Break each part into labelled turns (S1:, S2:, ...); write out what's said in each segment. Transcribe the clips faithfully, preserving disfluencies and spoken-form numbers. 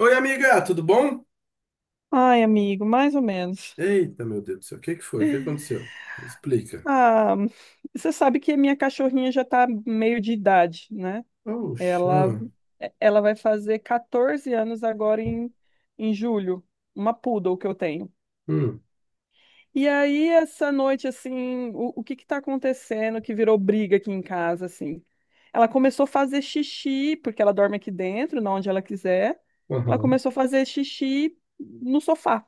S1: Oi, amiga, tudo bom?
S2: Ai, amigo, mais ou menos.
S1: Eita, meu Deus do céu, o que que foi? O que aconteceu? Explica.
S2: Ah, você sabe que a minha cachorrinha já tá meio de idade, né?
S1: Oxa.
S2: Ela, ela vai fazer quatorze anos agora em, em julho, uma poodle que eu tenho.
S1: Hum,
S2: E aí, essa noite, assim, o, o que que tá acontecendo que virou briga aqui em casa, assim? Ela começou a fazer xixi, porque ela dorme aqui dentro, na onde ela quiser. Ela
S1: aham,
S2: começou a fazer xixi no sofá.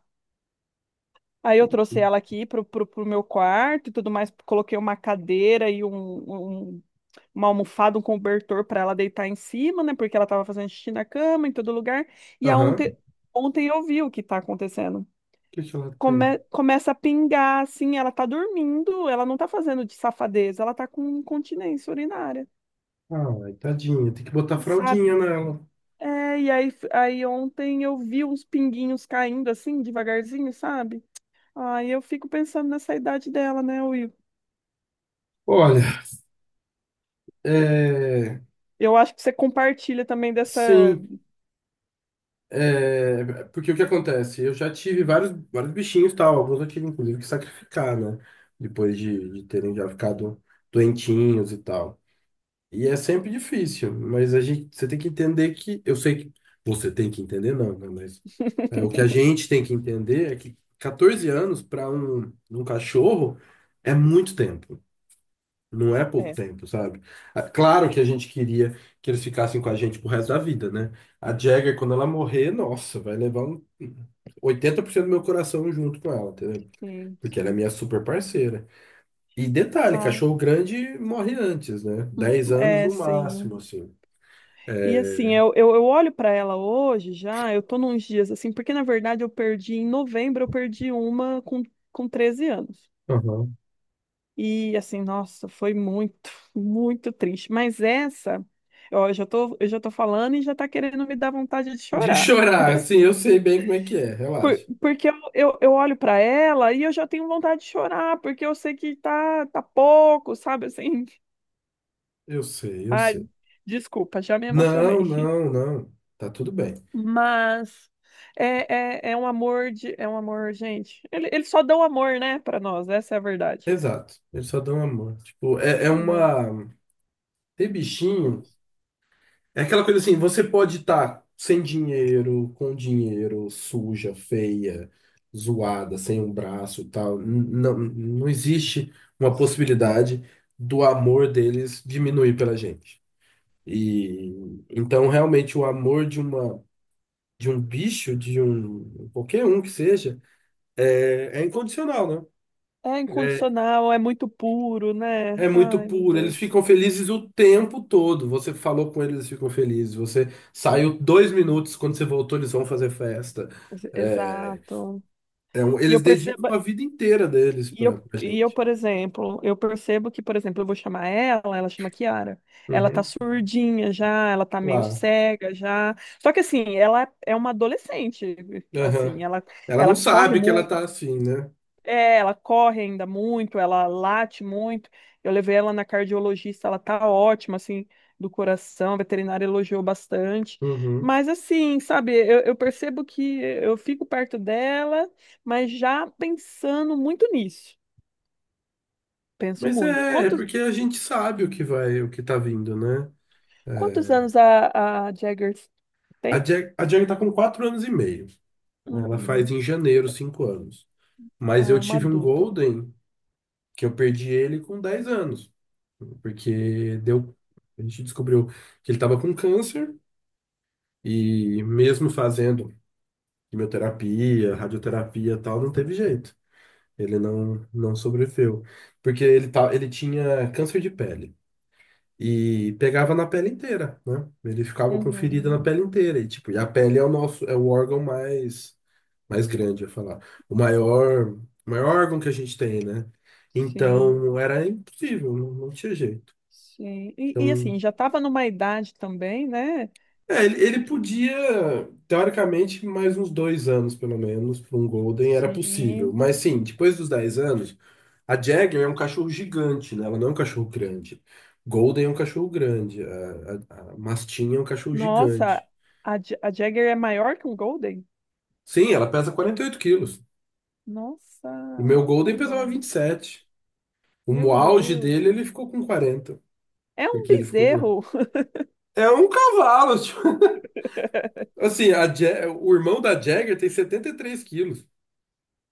S2: Aí eu trouxe ela aqui pro, pro, pro meu quarto e tudo mais, coloquei uma cadeira e um, um- uma almofada, um cobertor para ela deitar em cima, né? Porque ela tava fazendo xixi na cama, em todo lugar. E a
S1: aham.
S2: ontem,
S1: O
S2: ontem eu vi o que tá acontecendo.
S1: que que ela tem?
S2: Come- começa a pingar, assim, ela tá dormindo, ela não tá fazendo de safadeza, ela tá com incontinência urinária,
S1: Ai, tadinha, tem que botar fraldinha
S2: sabe?
S1: nela.
S2: É, e aí, aí ontem eu vi uns pinguinhos caindo assim, devagarzinho, sabe? Ai, eu fico pensando nessa idade dela, né, Will?
S1: Olha, é...
S2: Eu acho que você compartilha também dessa.
S1: Sim, é... Porque o que acontece? Eu já tive vários, vários bichinhos, tal, alguns eu tive, inclusive, que sacrificar, né? Depois de, de terem já ficado doentinhos e tal. E é sempre difícil, mas a gente, você tem que entender que, eu sei que você tem que entender, não, né? Mas é, o que a gente tem que entender é que quatorze anos para um, um cachorro é muito tempo, não é pouco
S2: É,
S1: tempo, sabe? Ah, claro que a gente queria que eles ficassem com a gente pro resto da vida, né? A Jagger, quando ela morrer, nossa, vai levar um oitenta por cento do meu coração junto com ela, entendeu?
S2: sim,
S1: Porque ela é
S2: sim.
S1: minha super parceira. E detalhe,
S2: Ah,
S1: cachorro grande morre antes, né?
S2: hum,
S1: Dez anos
S2: é,
S1: no
S2: sim.
S1: máximo, assim.
S2: E
S1: É.
S2: assim, eu, eu, eu olho para ela hoje já, eu tô nos dias assim, porque na verdade eu perdi em novembro, eu perdi uma com, com treze anos.
S1: Aham.
S2: E assim, nossa, foi muito, muito triste. Mas essa, ó, eu já tô, eu já tô falando e já tá querendo me dar vontade de
S1: De
S2: chorar.
S1: chorar, assim, eu sei bem como é que é,
S2: Por-
S1: relaxa.
S2: porque eu, eu, eu olho pra ela e eu já tenho vontade de chorar, porque eu sei que tá, tá pouco, sabe assim?
S1: Eu sei, eu
S2: Ai,
S1: sei.
S2: desculpa, já me
S1: Não,
S2: emocionei.
S1: não, não. Tá tudo bem.
S2: Mas é, é, é um amor de, é um amor, gente. Ele, ele só dá o amor, né, pra nós, essa é a verdade,
S1: Exato. Eles só dão amor. Tipo, é, é
S2: né?
S1: uma. Ter bichinho. É aquela coisa assim, você pode estar sem dinheiro, com dinheiro, suja, feia, zoada, sem um braço e tal. N- Não, não existe uma
S2: Sim.
S1: possibilidade do amor deles diminuir pela gente. E então realmente o amor de uma de um bicho, de um qualquer um que seja, é, é incondicional, né?
S2: É
S1: É
S2: incondicional, é muito puro, né?
S1: é muito
S2: Ai, meu
S1: puro, eles
S2: Deus.
S1: ficam felizes o tempo todo. Você falou com eles, eles ficam felizes. Você saiu dois minutos, quando você voltou, eles vão fazer festa. É,
S2: Exato.
S1: é um-
S2: E
S1: eles
S2: eu percebo.
S1: dedicam a vida inteira deles
S2: E
S1: pra,
S2: eu,
S1: pra
S2: e eu,
S1: gente.
S2: por exemplo, eu percebo que, por exemplo, eu vou chamar ela, ela chama Kiara. Ela tá
S1: Uhum,
S2: surdinha já, ela tá meio
S1: claro.
S2: cega já. Só que assim, ela é uma adolescente, assim,
S1: Aham.
S2: ela
S1: Ela não
S2: ela corre
S1: sabe que ela
S2: mu
S1: tá assim, né?
S2: é, ela corre ainda muito, ela late muito. Eu levei ela na cardiologista, ela tá ótima assim, do coração, a veterinária elogiou bastante.
S1: Uhum.
S2: Mas assim, sabe, eu, eu percebo que eu fico perto dela, mas já pensando muito nisso. Penso
S1: Mas
S2: muito.
S1: é, é
S2: Quantos,
S1: porque a gente sabe o que vai, o que tá vindo, né? É.
S2: quantos anos a, a Jaggers tem?
S1: A Jag, a Jag tá com quatro anos e meio. Ela faz
S2: Uhum.
S1: em janeiro cinco anos. Mas
S2: Ah,
S1: eu
S2: é uma
S1: tive um
S2: adulta.
S1: Golden que eu perdi ele com dez anos, porque deu, a gente descobriu que ele estava com câncer e mesmo fazendo quimioterapia, radioterapia, e tal, não teve jeito. Ele não não sobreviveu, porque ele tá, ele tinha câncer de pele. E pegava na pele inteira, né? Ele ficava com ferida na
S2: Uhum.
S1: pele inteira. E, tipo, e a pele é o nosso, é o órgão mais, mais grande, eu ia falar. O maior, o maior órgão que a gente tem, né?
S2: Sim,
S1: Então, era impossível, não, não tinha jeito.
S2: sim. E, e,
S1: Então,
S2: assim, já estava numa idade também, né?
S1: é, ele, ele
S2: Que-
S1: podia, teoricamente, mais uns dois anos, pelo menos, para um Golden era possível.
S2: sim.
S1: Mas sim, depois dos dez anos, a Jagger é um cachorro gigante, né? Ela não é um cachorro grande. Golden é um cachorro grande. A, a, a Mastim é um cachorro
S2: Nossa,
S1: gigante.
S2: a, Ja- a Jagger é maior que um Golden?
S1: Sim, ela pesa quarenta e oito quilos.
S2: Nossa,
S1: O meu
S2: é
S1: Golden pesava vinte
S2: enorme.
S1: e sete
S2: Meu
S1: O auge
S2: Deus.
S1: dele, ele ficou com quarenta.
S2: É um
S1: Porque ele ficou com...
S2: bezerro.
S1: É um cavalo, tipo. Assim, a Ja- o irmão da Jagger tem setenta e três quilos.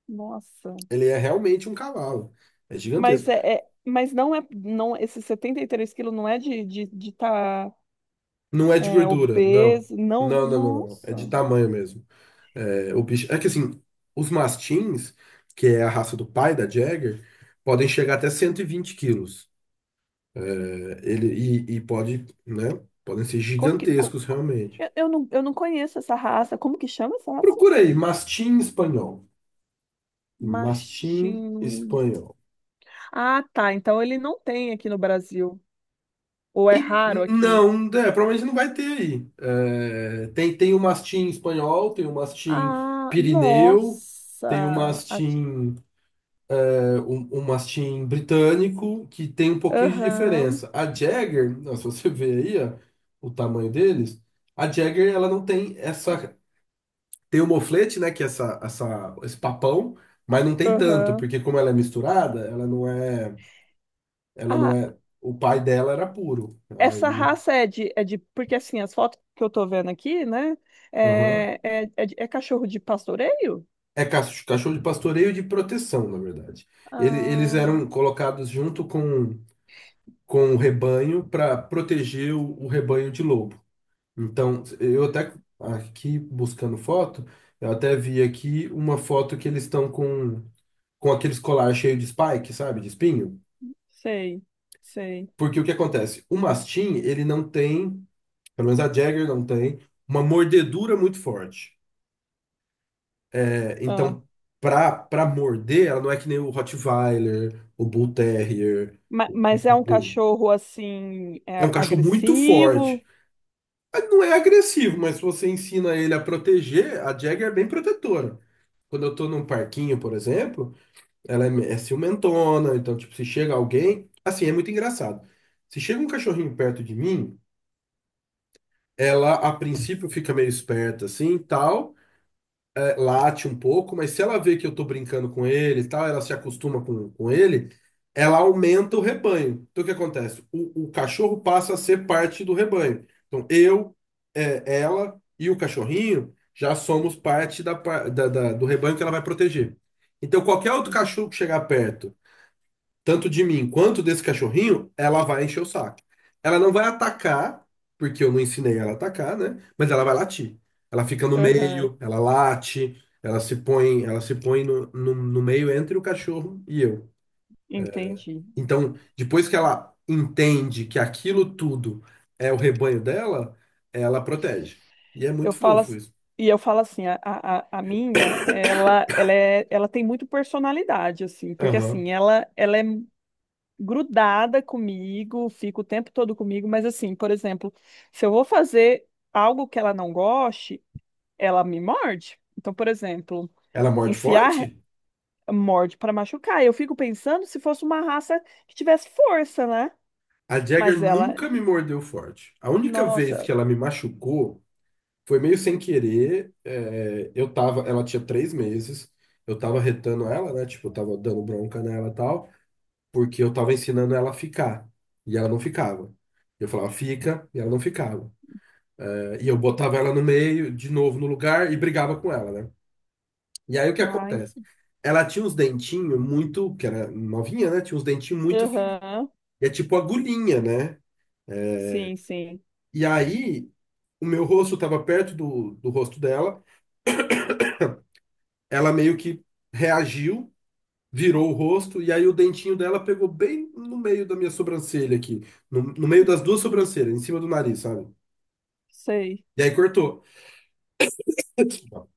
S2: Nossa.
S1: Ele é realmente um cavalo. É gigantesco.
S2: Mas é, é- mas não é, não, esses setenta e três quilos não é de, de, de tá
S1: Não é de
S2: é,
S1: gordura, não.
S2: obeso. Não,
S1: Não, não, não, não. É de
S2: nossa.
S1: tamanho mesmo. É, o bicho... é que assim, os mastins, que é a raça do pai da Jagger, podem chegar até cento e vinte quilos. É, ele, e, e pode, né? Podem ser
S2: Como que. co-
S1: gigantescos
S2: co-
S1: realmente.
S2: eu, eu não, eu não conheço essa raça. Como que chama essa raça?
S1: Procura aí, mastim espanhol. Mastim
S2: Mastim.
S1: espanhol.
S2: Ah, tá. Então ele não tem aqui no Brasil. Ou é
S1: E-
S2: raro aqui.
S1: Não, é, provavelmente não vai ter aí. É, tem, tem o mastim espanhol, tem o mastim
S2: Ah,
S1: pirineu, tem o
S2: nossa. Ach-
S1: mastim, é, um, um mastim britânico, que tem um pouquinho de
S2: Aham,
S1: diferença. A Jagger, não, se você ver aí, ó, o tamanho deles, a Jagger ela não tem essa. Tem o moflete, né, que é essa, essa, esse papão, mas não tem tanto,
S2: aham.
S1: porque como ela é misturada, ela não é, ela não
S2: Ah,
S1: é. O pai dela era puro.
S2: essa
S1: Aí,
S2: raça é de, é de. Porque assim, as fotos que eu tô vendo aqui, né?
S1: aham.
S2: É, é, é, de- é cachorro de pastoreio?
S1: É cach- cachorro de pastoreio e de proteção, na verdade. Ele- eles
S2: Ah,
S1: eram colocados junto com, com o rebanho para proteger o, o rebanho de lobo. Então, eu até aqui buscando foto, eu até vi aqui uma foto que eles estão com, com aqueles colar cheio de spike, sabe, de espinho.
S2: sei, sei.
S1: Porque o que acontece? O mastim, ele não tem, pelo menos a Jagger não tem, uma mordedura muito forte.
S2: Ah.
S1: Então, pra, pra morder, ela não é que nem o Rottweiler, o Bull Terrier,
S2: Ma-
S1: o
S2: Mas é um
S1: Pitbull.
S2: cachorro assim,
S1: É um
S2: é
S1: cachorro muito forte.
S2: agressivo?
S1: Mas não é agressivo, mas se você ensina ele a proteger, a Jagger é bem protetora. Quando eu tô num parquinho, por exemplo, ela é, é ciumentona, então, tipo, se chega alguém. Assim, é muito engraçado. Se chega um cachorrinho perto de mim, ela a princípio fica meio esperta assim tal. É, late um pouco, mas se ela vê que eu tô brincando com ele e tal, ela se acostuma com, com ele, ela aumenta o rebanho. Então o que acontece? O, o cachorro passa a ser parte do rebanho. Então eu, é, ela e o cachorrinho já somos parte da, par- da- da- do rebanho que ela vai proteger. Então qualquer outro
S2: Entendi.
S1: cachorro que chegar perto tanto de mim quanto desse cachorrinho, ela vai encher o saco. Ela não vai atacar, porque eu não ensinei ela a atacar, né? Mas ela vai latir. Ela fica no
S2: Aham,
S1: meio, ela late, ela se põe, ela se põe no, no, no meio entre o cachorro e eu.
S2: entendi.
S1: Então, depois que ela entende que aquilo tudo é o rebanho dela, ela protege. E é
S2: Eu
S1: muito
S2: falo,
S1: fofo
S2: ass-
S1: isso.
S2: e eu falo assim, a, a, a a minha, ela, ela, é, ela tem muito personalidade, assim, porque
S1: Aham.
S2: assim, ela, ela é grudada comigo, fica o tempo todo comigo, mas assim, por exemplo, se eu vou fazer algo que ela não goste, ela me morde. Então, por exemplo,
S1: Ela morde
S2: enfiar
S1: forte?
S2: morde para machucar. Eu fico pensando se fosse uma raça que tivesse força, né?
S1: A Jagger
S2: Mas ela,
S1: nunca me mordeu forte. A única vez
S2: nossa,
S1: que ela me machucou foi meio sem querer. É, eu tava, ela tinha três meses, eu tava retando ela, né? Tipo, eu tava dando bronca nela e tal, porque eu tava ensinando ela a ficar. E ela não ficava. Eu falava, fica, e ela não ficava. É, e eu botava ela no meio, de novo no lugar, e brigava com ela, né? E aí o que
S2: ai,
S1: acontece? Ela tinha uns dentinhos muito, que era novinha, né? Tinha uns dentinhos muito fininhos.
S2: aham,
S1: E é tipo agulhinha, né?
S2: sim, sim,
S1: E aí o meu rosto tava perto do, do rosto dela, ela meio que reagiu, virou o rosto e aí o dentinho dela pegou bem no meio da minha sobrancelha aqui, no, no meio das duas sobrancelhas, em cima do nariz, sabe?
S2: sei.
S1: E aí cortou.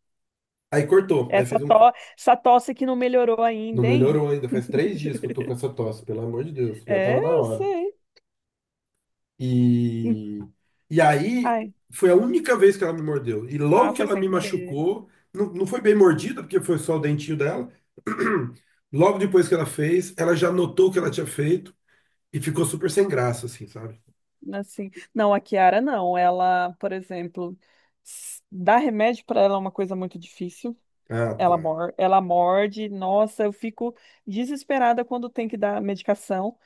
S1: Aí cortou, aí
S2: Essa,
S1: fez um.
S2: to... Essa tosse que não melhorou
S1: Não
S2: ainda, hein?
S1: melhorou ainda, faz três dias que eu tô com essa tosse, pelo amor de Deus, já
S2: É,
S1: tava na
S2: eu
S1: hora.
S2: sei. Em-
S1: E, e aí
S2: Ai,
S1: foi a única vez que ela me mordeu. E
S2: ah,
S1: logo que
S2: foi
S1: ela
S2: sem
S1: me
S2: querer.
S1: machucou, não, não foi bem mordida, porque foi só o dentinho dela. Logo depois que ela fez, ela já notou o que ela tinha feito e ficou super sem graça, assim, sabe?
S2: Assim, não, a Kiara não. Ela, por exemplo, s- dar remédio para ela é uma coisa muito difícil.
S1: Ah,
S2: Ela
S1: tá.
S2: mor... ela morde. Nossa, eu fico desesperada quando tem que dar medicação.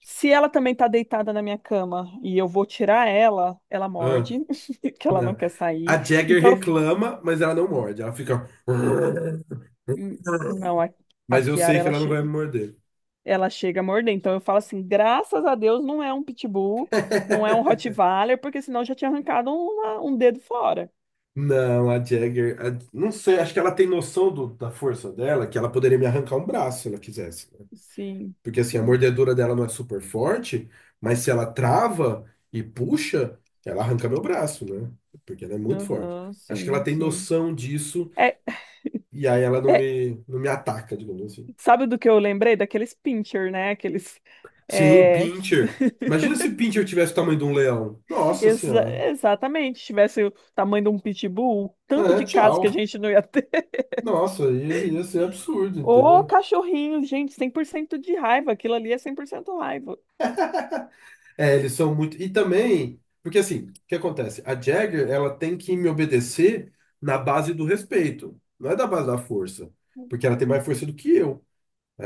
S2: Se ela também tá deitada na minha cama e eu vou tirar ela, ela
S1: Ah,
S2: morde, que ela não
S1: não.
S2: quer sair.
S1: A Jagger
S2: Então, eu f-
S1: reclama, mas ela não morde. Ela fica.
S2: Hum, não, a, a
S1: Mas eu
S2: Kiara,
S1: sei que
S2: ela,
S1: ela não
S2: che-
S1: vai me morder.
S2: ela chega a morder. Então, eu falo assim, graças a Deus não é um pitbull, não é um Rottweiler, porque senão eu já tinha arrancado uma- um dedo fora.
S1: Não, a Jagger. a- Não sei, acho que ela tem noção do- da força dela, que ela poderia me arrancar um braço se ela quisesse, né?
S2: Sim,
S1: Porque assim, a
S2: sim.
S1: mordedura dela não é super forte, mas se ela trava e puxa, ela arranca meu braço, né? Porque ela é muito forte.
S2: Aham,
S1: Acho que ela
S2: sim,
S1: tem
S2: sim.
S1: noção disso
S2: É,
S1: e aí ela não
S2: é,
S1: me, não me ataca, digamos assim.
S2: sabe do que eu lembrei? Daqueles pincher, né? Aqueles
S1: Sim,
S2: é,
S1: pincher. Imagina se pincher tivesse o tamanho de um leão. Nossa
S2: Exa-
S1: senhora.
S2: exatamente. Se tivesse o tamanho de um pitbull, o tanto
S1: É,
S2: de casos que a
S1: tchau.
S2: gente não ia ter.
S1: Nossa, ia, ia ser absurdo,
S2: Ô,
S1: entendeu?
S2: cachorrinho, gente, cem por cento de raiva. Aquilo ali é cem por cento raiva.
S1: É, eles são muito. E também, porque assim, o que acontece? A Jagger, ela tem que me obedecer na base do respeito, não é da base da força, porque ela tem mais força do que eu.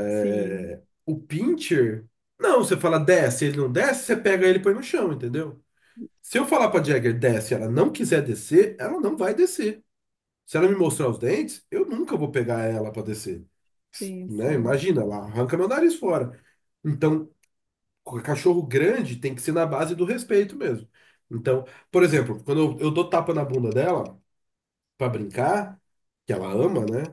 S2: Sim,
S1: O pincher, não, você fala desce, ele não desce, você pega ele e põe no chão, entendeu? Se eu falar pra Jagger desce, e ela não quiser descer, ela não vai descer. Se ela me mostrar os dentes, eu nunca vou pegar ela para descer,
S2: sim,
S1: né?
S2: sim.
S1: Imagina, ela arranca meu nariz fora. Então, c- cachorro grande tem que ser na base do respeito mesmo. Então, por exemplo, quando eu, eu dou tapa na bunda dela para brincar, que ela ama, né?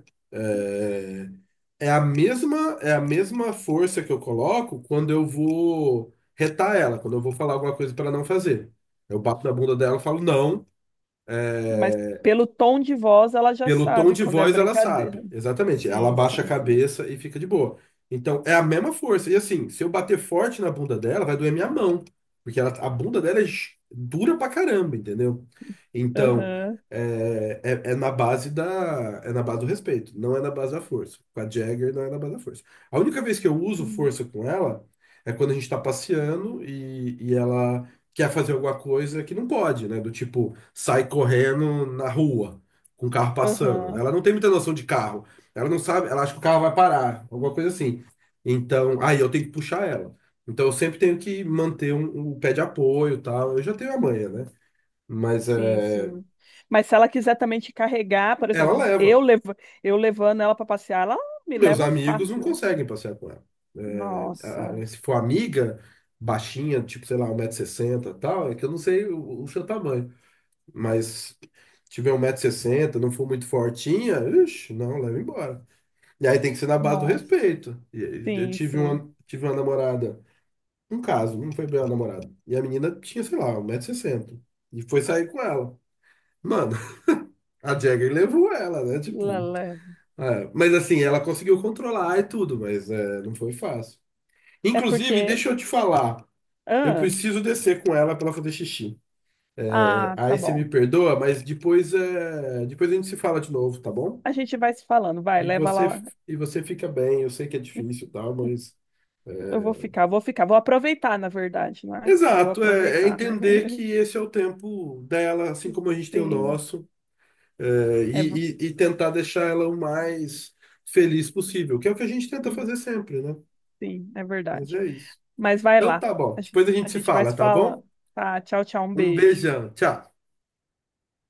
S1: É, é a mesma é a mesma força que eu coloco quando eu vou retar ela, quando eu vou falar alguma coisa para ela não fazer. Eu bato na bunda dela e falo não.
S2: Mas pelo tom de voz, ela já
S1: Pelo tom
S2: sabe
S1: de
S2: quando é
S1: voz, ela
S2: brincadeira.
S1: sabe. Exatamente. Ela
S2: Sim,
S1: abaixa a
S2: sim, sim.
S1: cabeça e fica de boa. Então, é a mesma força. E assim, se eu bater forte na bunda dela, vai doer minha mão. Porque ela- a bunda dela é gi- dura pra caramba, entendeu? Então,
S2: Aham.
S1: é, é, é na base da, é na base do respeito. Não é na base da força. Com a Jagger, não é na base da força. A única vez que eu uso força com ela é quando a gente tá passeando e, e ela quer fazer alguma coisa que não pode, né? Do tipo, sai correndo na rua com o carro passando.
S2: Aham.
S1: Ela não tem muita noção de carro. Ela não sabe, ela acha que o carro vai parar, alguma coisa assim. Então, aí eu tenho que puxar ela. Então eu sempre tenho que manter um, um pé de apoio, e tal. Eu já tenho a manha, né? Mas
S2: Sim,
S1: é,
S2: sim. Mas se ela quiser também te carregar, por
S1: ela
S2: exemplo, eu,
S1: leva.
S2: levo, eu levando ela para passear, ela me
S1: Meus
S2: leva
S1: amigos não
S2: fácil.
S1: conseguem passear com ela. É,
S2: Nossa,
S1: a- se for amiga baixinha, tipo, sei lá, um metro e sessenta e tal, é que eu não sei o, o seu tamanho. Mas tiver um 160 sessenta, não for muito fortinha, ixi, não, leva embora. E aí tem que ser na base do
S2: nossa.
S1: respeito. E aí eu
S2: Sim,
S1: tive
S2: sim.
S1: uma, tive uma namorada, um caso, não foi bem uma namorada. E a menina tinha, sei lá, um 160 sessenta. E foi sair com ela. Mano, a Jagger levou ela, né? Tipo,
S2: Lala.
S1: é. Mas assim, ela conseguiu controlar e tudo, mas é, não foi fácil.
S2: É
S1: Inclusive,
S2: porque.
S1: deixa eu te falar. Eu
S2: Ah,
S1: preciso descer com ela pra ela fazer xixi. É,
S2: ah, tá
S1: aí você me
S2: bom.
S1: perdoa, mas depois, é, depois a gente se fala de novo, tá bom?
S2: A gente vai se falando, vai,
S1: E
S2: leva
S1: você,
S2: lá.
S1: e você fica bem, eu sei que é difícil, e tal, mas
S2: Eu vou ficar, vou ficar, vou aproveitar, na verdade, não é? Vou
S1: exato, é, é
S2: aproveitar, né?
S1: entender que esse é o tempo dela, assim como a gente tem o
S2: Sim,
S1: nosso, é,
S2: é, ver-
S1: e, e- e tentar deixar ela o mais feliz possível, que é o que a gente tenta
S2: e-
S1: fazer sempre, né?
S2: sim, é
S1: Mas
S2: verdade.
S1: é isso.
S2: Mas vai
S1: Então
S2: lá,
S1: tá bom,
S2: a gen-
S1: depois a
S2: a
S1: gente se
S2: gente vai
S1: fala,
S2: se
S1: tá bom?
S2: falando. Tá, tchau, tchau, um
S1: Um
S2: beijo.
S1: beijão, tchau.